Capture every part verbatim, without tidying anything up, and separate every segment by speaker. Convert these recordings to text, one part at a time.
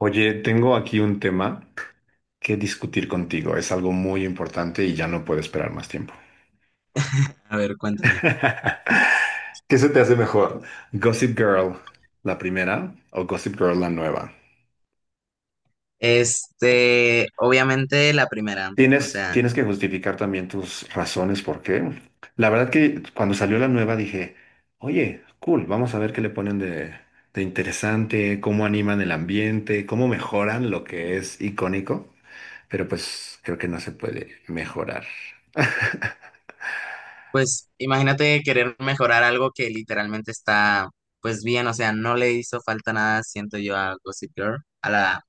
Speaker 1: Oye, tengo aquí un tema que discutir contigo. Es algo muy importante y ya no puedo esperar más tiempo.
Speaker 2: A ver, cuéntame.
Speaker 1: ¿Qué se te hace mejor? ¿Gossip Girl, la primera, o Gossip Girl, la nueva?
Speaker 2: Este, obviamente la primera, o
Speaker 1: Tienes,
Speaker 2: sea,
Speaker 1: tienes que justificar también tus razones por qué. La verdad que cuando salió la nueva dije, oye, cool, vamos a ver qué le ponen de, de interesante, cómo animan el ambiente, cómo mejoran lo que es icónico. Pero pues creo que no se puede mejorar.
Speaker 2: pues imagínate querer mejorar algo que literalmente está, pues bien, o sea, no le hizo falta nada, siento yo, a Gossip Girl, a la,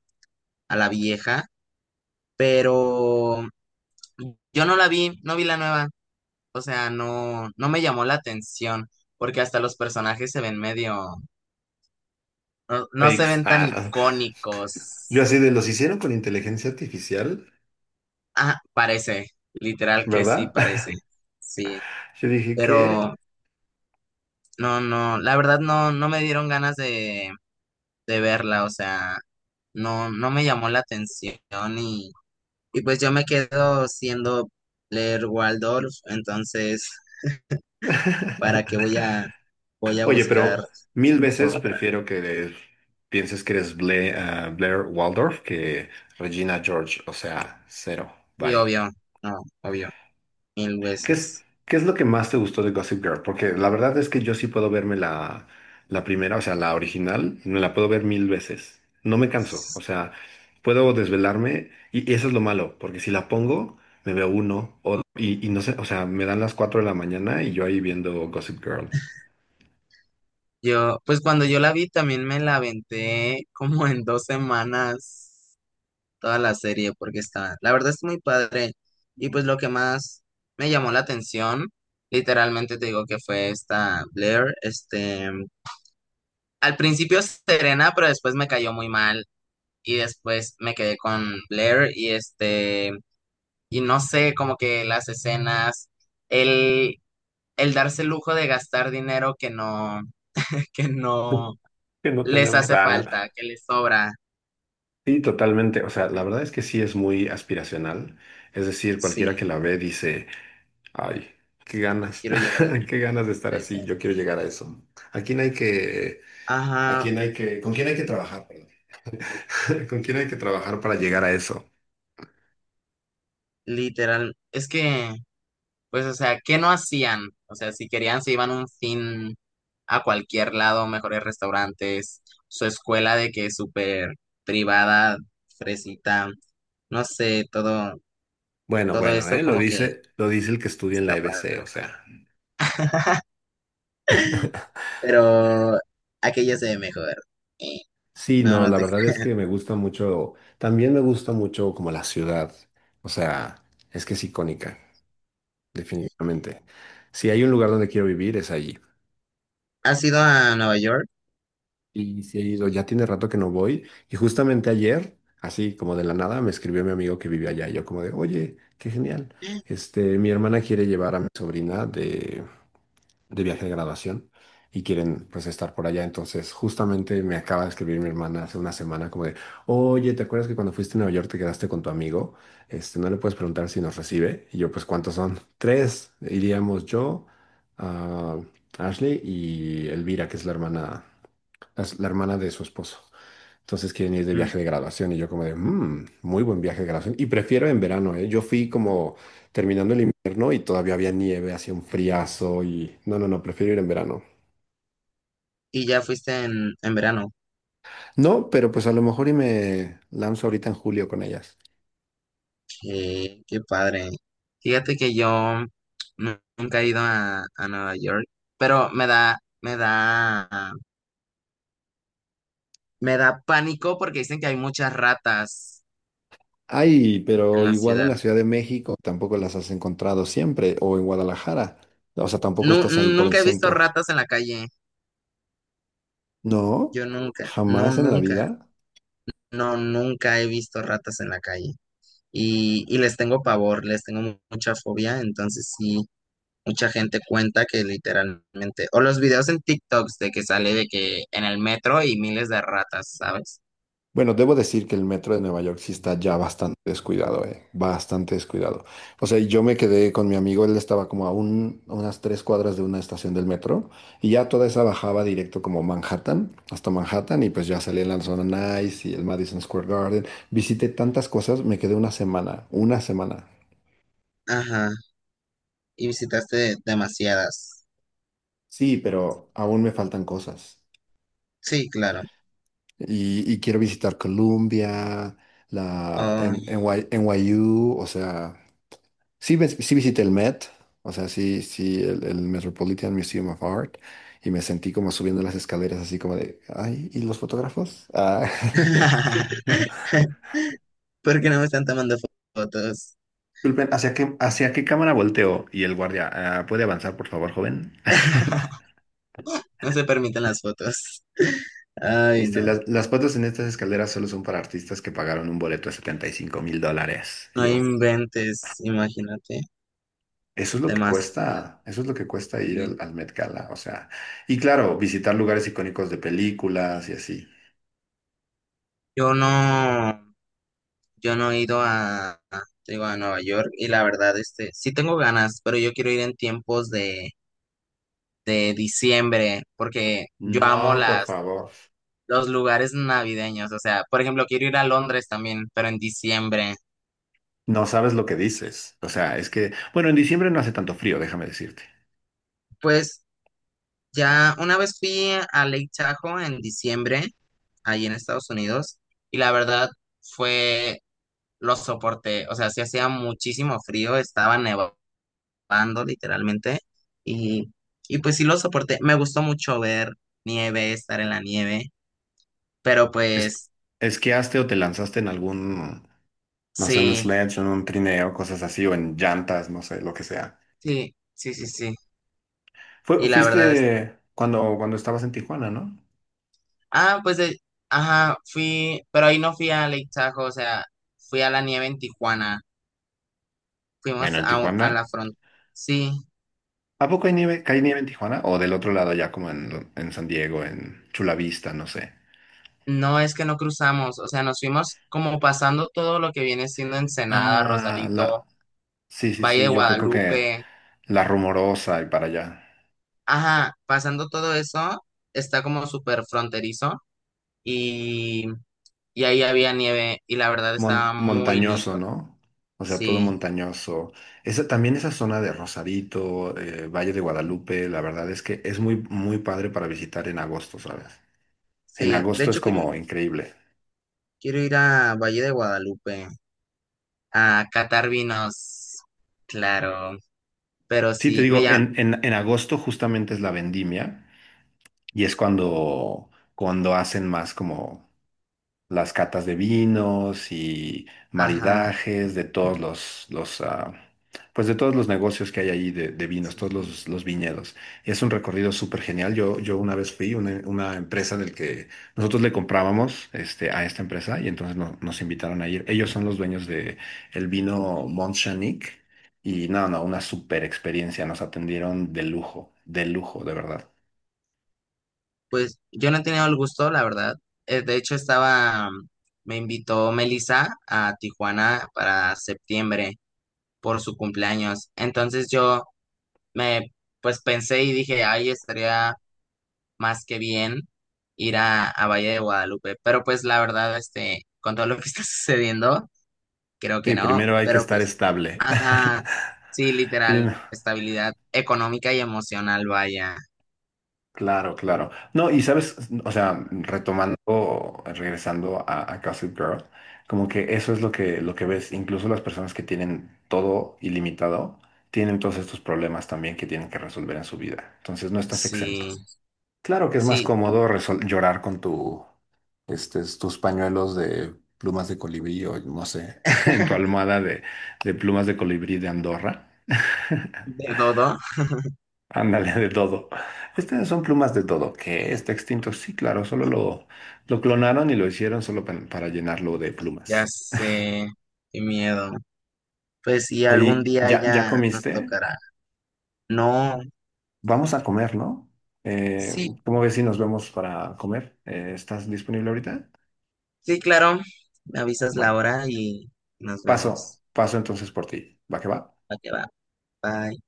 Speaker 2: a la vieja, pero yo no la vi, no vi la nueva, o sea, no, no me llamó la atención, porque hasta los personajes se ven medio, no, no se
Speaker 1: Fakes.
Speaker 2: ven tan
Speaker 1: Ah. Yo
Speaker 2: icónicos.
Speaker 1: así de los hicieron con inteligencia artificial,
Speaker 2: Ah, parece, literal que sí
Speaker 1: ¿verdad?
Speaker 2: parece, sí,
Speaker 1: Yo dije, ¿qué?
Speaker 2: pero... No, no, la verdad no, no me dieron ganas de, de verla, o sea, no, no me llamó la atención y, y pues yo me quedo siendo leer Waldorf, entonces, ¿para qué voy a, ¿voy a
Speaker 1: Oye,
Speaker 2: buscar
Speaker 1: pero mil veces
Speaker 2: otra?
Speaker 1: prefiero que pienses que eres Bla- ah, Blair Waldorf que Regina George. O sea, cero.
Speaker 2: Y
Speaker 1: Bye.
Speaker 2: obvio, no, obvio, mil
Speaker 1: ¿Qué es,
Speaker 2: veces.
Speaker 1: ¿qué es lo que más te gustó de Gossip Girl? Porque la verdad es que yo sí puedo verme la, la primera, o sea, la original, me la puedo ver mil veces. No me canso, o sea, puedo desvelarme y, y eso es lo malo, porque si la pongo, me veo uno o, y, y no sé, o sea, me dan las cuatro de la mañana y yo ahí viendo Gossip Girl.
Speaker 2: Yo, pues cuando yo la vi también me la aventé como en dos semanas toda la serie porque está, la verdad es muy padre. Y pues lo que más me llamó la atención, literalmente te digo que fue esta Blair, este, al principio Serena, pero después me cayó muy mal y después me quedé con Blair y este, y no sé, como que las escenas, el, el darse el lujo de gastar dinero que no, que no
Speaker 1: Que no
Speaker 2: les
Speaker 1: tenemos.
Speaker 2: hace
Speaker 1: Ah, no.
Speaker 2: falta, que les sobra.
Speaker 1: Sí, totalmente, o sea, la verdad es que sí es muy aspiracional, es decir, cualquiera que
Speaker 2: Sí,
Speaker 1: la ve dice... Ay, qué ganas,
Speaker 2: quiero llegar a
Speaker 1: qué ganas de estar
Speaker 2: a eso.
Speaker 1: así. Yo quiero llegar a eso. ¿A quién hay que, ¿a
Speaker 2: Ajá,
Speaker 1: quién hay que, con quién hay que trabajar, perdón? ¿Con quién hay que trabajar para llegar a eso?
Speaker 2: literal, es que, pues, o sea, ¿qué no hacían? O sea, si querían, se iban un fin a cualquier lado, mejores restaurantes, su escuela de que es súper privada, fresita, no sé, todo,
Speaker 1: Bueno,
Speaker 2: todo
Speaker 1: bueno,
Speaker 2: eso
Speaker 1: ¿eh? Lo
Speaker 2: como que
Speaker 1: dice, lo dice el que estudia en la
Speaker 2: está
Speaker 1: E B C,
Speaker 2: padre.
Speaker 1: o sea.
Speaker 2: Pero aquella se ve mejor.
Speaker 1: Sí,
Speaker 2: No,
Speaker 1: no,
Speaker 2: no
Speaker 1: la
Speaker 2: te...
Speaker 1: verdad
Speaker 2: creo.
Speaker 1: es que me gusta mucho, también me gusta mucho como la ciudad, o sea, es que es icónica, definitivamente. Si hay un lugar donde quiero vivir, es allí.
Speaker 2: ¿Has ido a Nueva York?
Speaker 1: Y sí he ido, ya tiene rato que no voy. Y justamente ayer, así como de la nada, me escribió mi amigo que vive allá. Y yo como de, oye, qué genial. Este, mi hermana quiere llevar a mi sobrina de de viaje de graduación y quieren pues estar por allá. Entonces, justamente me acaba de escribir mi hermana hace una semana como de, oye, ¿te acuerdas que cuando fuiste a Nueva York te quedaste con tu amigo? Este, no le puedes preguntar si nos recibe. Y yo, pues, ¿cuántos son? Tres. Iríamos yo, ah, Ashley y Elvira, que es la hermana, la la hermana de su esposo. Entonces quieren ir de
Speaker 2: Mm.
Speaker 1: viaje de graduación y yo como de, "Mm, muy buen viaje de graduación. Y prefiero en verano, ¿eh? Yo fui como terminando el invierno y todavía había nieve, hacía un friazo y no, no, no, prefiero ir en verano.
Speaker 2: Y ya fuiste en, en verano.
Speaker 1: No, pero pues a lo mejor y me lanzo ahorita en julio con ellas.
Speaker 2: Qué, qué padre. Fíjate que yo nu- nunca he ido a, a Nueva York, pero me da, me da, me da pánico porque dicen que hay muchas ratas
Speaker 1: Ay,
Speaker 2: en
Speaker 1: pero
Speaker 2: la
Speaker 1: igual en
Speaker 2: ciudad.
Speaker 1: la Ciudad de México tampoco las has encontrado siempre o en Guadalajara. O sea, tampoco
Speaker 2: Nu-
Speaker 1: estás ahí por el
Speaker 2: nunca he visto
Speaker 1: centro.
Speaker 2: ratas en la calle.
Speaker 1: No,
Speaker 2: Yo nunca, no,
Speaker 1: jamás en la
Speaker 2: nunca,
Speaker 1: vida.
Speaker 2: no, nunca he visto ratas en la calle. Y, y les tengo pavor, les tengo mu- mucha fobia, entonces sí, mucha gente cuenta que literalmente, o los videos en TikToks de que sale de que en el metro y miles de ratas, ¿sabes?
Speaker 1: Bueno, debo decir que el metro de Nueva York sí está ya bastante descuidado, eh, bastante descuidado. O sea, yo me quedé con mi amigo, él estaba como a, un- a unas tres cuadras de una estación del metro y ya toda esa bajaba directo como Manhattan, hasta Manhattan y pues ya salí en la zona Nice y el Madison Square Garden. Visité tantas cosas, me quedé una semana, una semana.
Speaker 2: Ajá, y visitaste demasiadas.
Speaker 1: Sí, pero aún me faltan cosas.
Speaker 2: Sí, claro.
Speaker 1: Y, y quiero visitar Colombia, la en,
Speaker 2: Oh.
Speaker 1: N Y N Y U, o sea... Sí, ves- sí visité el Met, o sea, sí, sí, el, el Metropolitan Museum of Art, y me sentí como subiendo las escaleras, así como de, ay, ¿y los fotógrafos? Ah.
Speaker 2: ¿Por qué no me están tomando fo- fotos?
Speaker 1: Disculpen, ¿hacia qué, ¿hacia qué cámara volteo? Y el guardia, "Ah, ¿puede avanzar, por favor, joven?
Speaker 2: No se permiten las fotos. Ay,
Speaker 1: Este,
Speaker 2: no.
Speaker 1: las, las fotos en estas escaleras solo son para artistas que pagaron un boleto de setenta y cinco mil dólares. Y
Speaker 2: No
Speaker 1: yo,
Speaker 2: inventes, imagínate.
Speaker 1: eso es lo que
Speaker 2: Demasiado.
Speaker 1: cuesta, eso es lo que cuesta ir
Speaker 2: Sí.
Speaker 1: al, al Met Gala, o sea, y claro, visitar lugares icónicos de películas y así.
Speaker 2: Yo no, yo no he ido a, a- te digo, a Nueva York y la verdad, este, sí tengo ganas, pero yo quiero ir en tiempos de, de diciembre porque yo amo
Speaker 1: No, por
Speaker 2: las
Speaker 1: favor.
Speaker 2: los lugares navideños. O sea, por ejemplo, quiero ir a Londres también, pero en diciembre.
Speaker 1: No sabes lo que dices. O sea, es que, bueno, en diciembre no hace tanto frío, déjame decirte.
Speaker 2: Pues ya una vez fui a Lake Tahoe en diciembre, ahí en Estados Unidos, y la verdad fue, lo soporté. O sea, sí hacía muchísimo frío, estaba nevando literalmente, y, y pues sí lo soporté. Me gustó mucho ver nieve, estar en la nieve, pero
Speaker 1: Es,
Speaker 2: pues
Speaker 1: ¿esquiaste o te lanzaste en algún, no sé, un
Speaker 2: sí,
Speaker 1: sledge, en un trineo, cosas así, o en llantas, no sé, lo que sea?
Speaker 2: sí, sí, sí, sí.
Speaker 1: Fue-
Speaker 2: Y la verdad
Speaker 1: ¿fuiste cuando, cuando estabas en Tijuana, ¿no?
Speaker 2: ah, pues, eh, ajá, fui, pero ahí no fui a Lake Tahoe, o sea, fui a la nieve en Tijuana,
Speaker 1: Bueno,
Speaker 2: fuimos
Speaker 1: en
Speaker 2: a, a la
Speaker 1: Tijuana.
Speaker 2: frontera. Sí,
Speaker 1: ¿A poco hay nieve? ¿Cae nieve en Tijuana? O del otro lado, ya como en, en San Diego, en Chula Vista, no sé.
Speaker 2: no es que no cruzamos, o sea, nos fuimos como pasando todo lo que viene siendo Ensenada,
Speaker 1: Ah,
Speaker 2: Rosarito,
Speaker 1: la. Sí, sí,
Speaker 2: Valle de
Speaker 1: sí, yo creo que
Speaker 2: Guadalupe,
Speaker 1: la rumorosa y para allá.
Speaker 2: ajá, pasando todo eso, está como súper fronterizo y, y ahí había nieve y la verdad
Speaker 1: Mon-
Speaker 2: estaba muy
Speaker 1: ¿montañoso,
Speaker 2: lindo.
Speaker 1: no? O sea, todo
Speaker 2: Sí,
Speaker 1: montañoso. Esa, también esa zona de Rosarito, eh, Valle de Guadalupe, la verdad es que es muy, muy padre para visitar en agosto, ¿sabes? En
Speaker 2: sí, de
Speaker 1: agosto es
Speaker 2: hecho quiero,
Speaker 1: como increíble.
Speaker 2: quiero ir a Valle de Guadalupe a catar vinos, claro, pero
Speaker 1: Sí, te
Speaker 2: sí, me
Speaker 1: digo,
Speaker 2: llama,
Speaker 1: en, en, en agosto justamente es la vendimia y es cuando, cuando hacen más como las catas de vinos y
Speaker 2: ajá,
Speaker 1: maridajes de todos los, los ah, pues de todos los negocios que hay ahí de, de vinos,
Speaker 2: sí,
Speaker 1: todos
Speaker 2: sí.
Speaker 1: los, los viñedos. Es un recorrido súper genial. Yo, yo una vez fui una, una empresa del que nosotros le comprábamos este, a esta empresa y entonces no- nos invitaron a ir. Ellos son los dueños de el vino Mont Chanique y no, no, una súper experiencia. Nos atendieron de lujo, de lujo, de verdad.
Speaker 2: Pues yo no he tenido el gusto, la verdad. Eh, de hecho, estaba, mm, me invitó Melissa a Tijuana para septiembre por su cumpleaños. Entonces yo me, pues pensé y dije, ay, estaría más que bien ir a, a Valle de Guadalupe. Pero pues la verdad, este, con todo lo que está sucediendo, creo que
Speaker 1: Sí,
Speaker 2: no,
Speaker 1: primero hay que
Speaker 2: pero
Speaker 1: estar
Speaker 2: pues,
Speaker 1: estable.
Speaker 2: ajá, sí, literal,
Speaker 1: Prim-
Speaker 2: estabilidad económica y emocional, vaya.
Speaker 1: Claro, claro. No, y sabes, o sea, retomando, regresando a, a Gossip Girl, como que eso es lo que, lo que ves, incluso las personas que tienen todo ilimitado, tienen todos estos problemas también que tienen que resolver en su vida. Entonces no estás exento.
Speaker 2: Sí,
Speaker 1: Claro que es más
Speaker 2: sí,
Speaker 1: cómodo resol- llorar con tu, este, tus pañuelos de plumas de colibrí o no sé, en tu almohada de, de plumas de colibrí de Andorra.
Speaker 2: de todo,
Speaker 1: Ándale, de todo. Estas son plumas de todo. ¿Qué? ¿Está extinto? Sí, claro, solo lo, lo clonaron y lo hicieron solo pa- para llenarlo de
Speaker 2: ya
Speaker 1: plumas.
Speaker 2: sé, qué miedo. Pues sí, algún
Speaker 1: Oye,
Speaker 2: día
Speaker 1: ¿ya, ¿ya
Speaker 2: ya nos
Speaker 1: comiste?
Speaker 2: tocará. No,
Speaker 1: Vamos a comer, ¿no? Eh,
Speaker 2: sí,
Speaker 1: ¿cómo ves si nos vemos para comer? Eh, ¿estás disponible ahorita?
Speaker 2: sí, claro, me avisas la
Speaker 1: Bueno,
Speaker 2: hora y nos
Speaker 1: paso,
Speaker 2: vemos.
Speaker 1: paso entonces por ti. ¿Va que va?
Speaker 2: Ok, va, bye.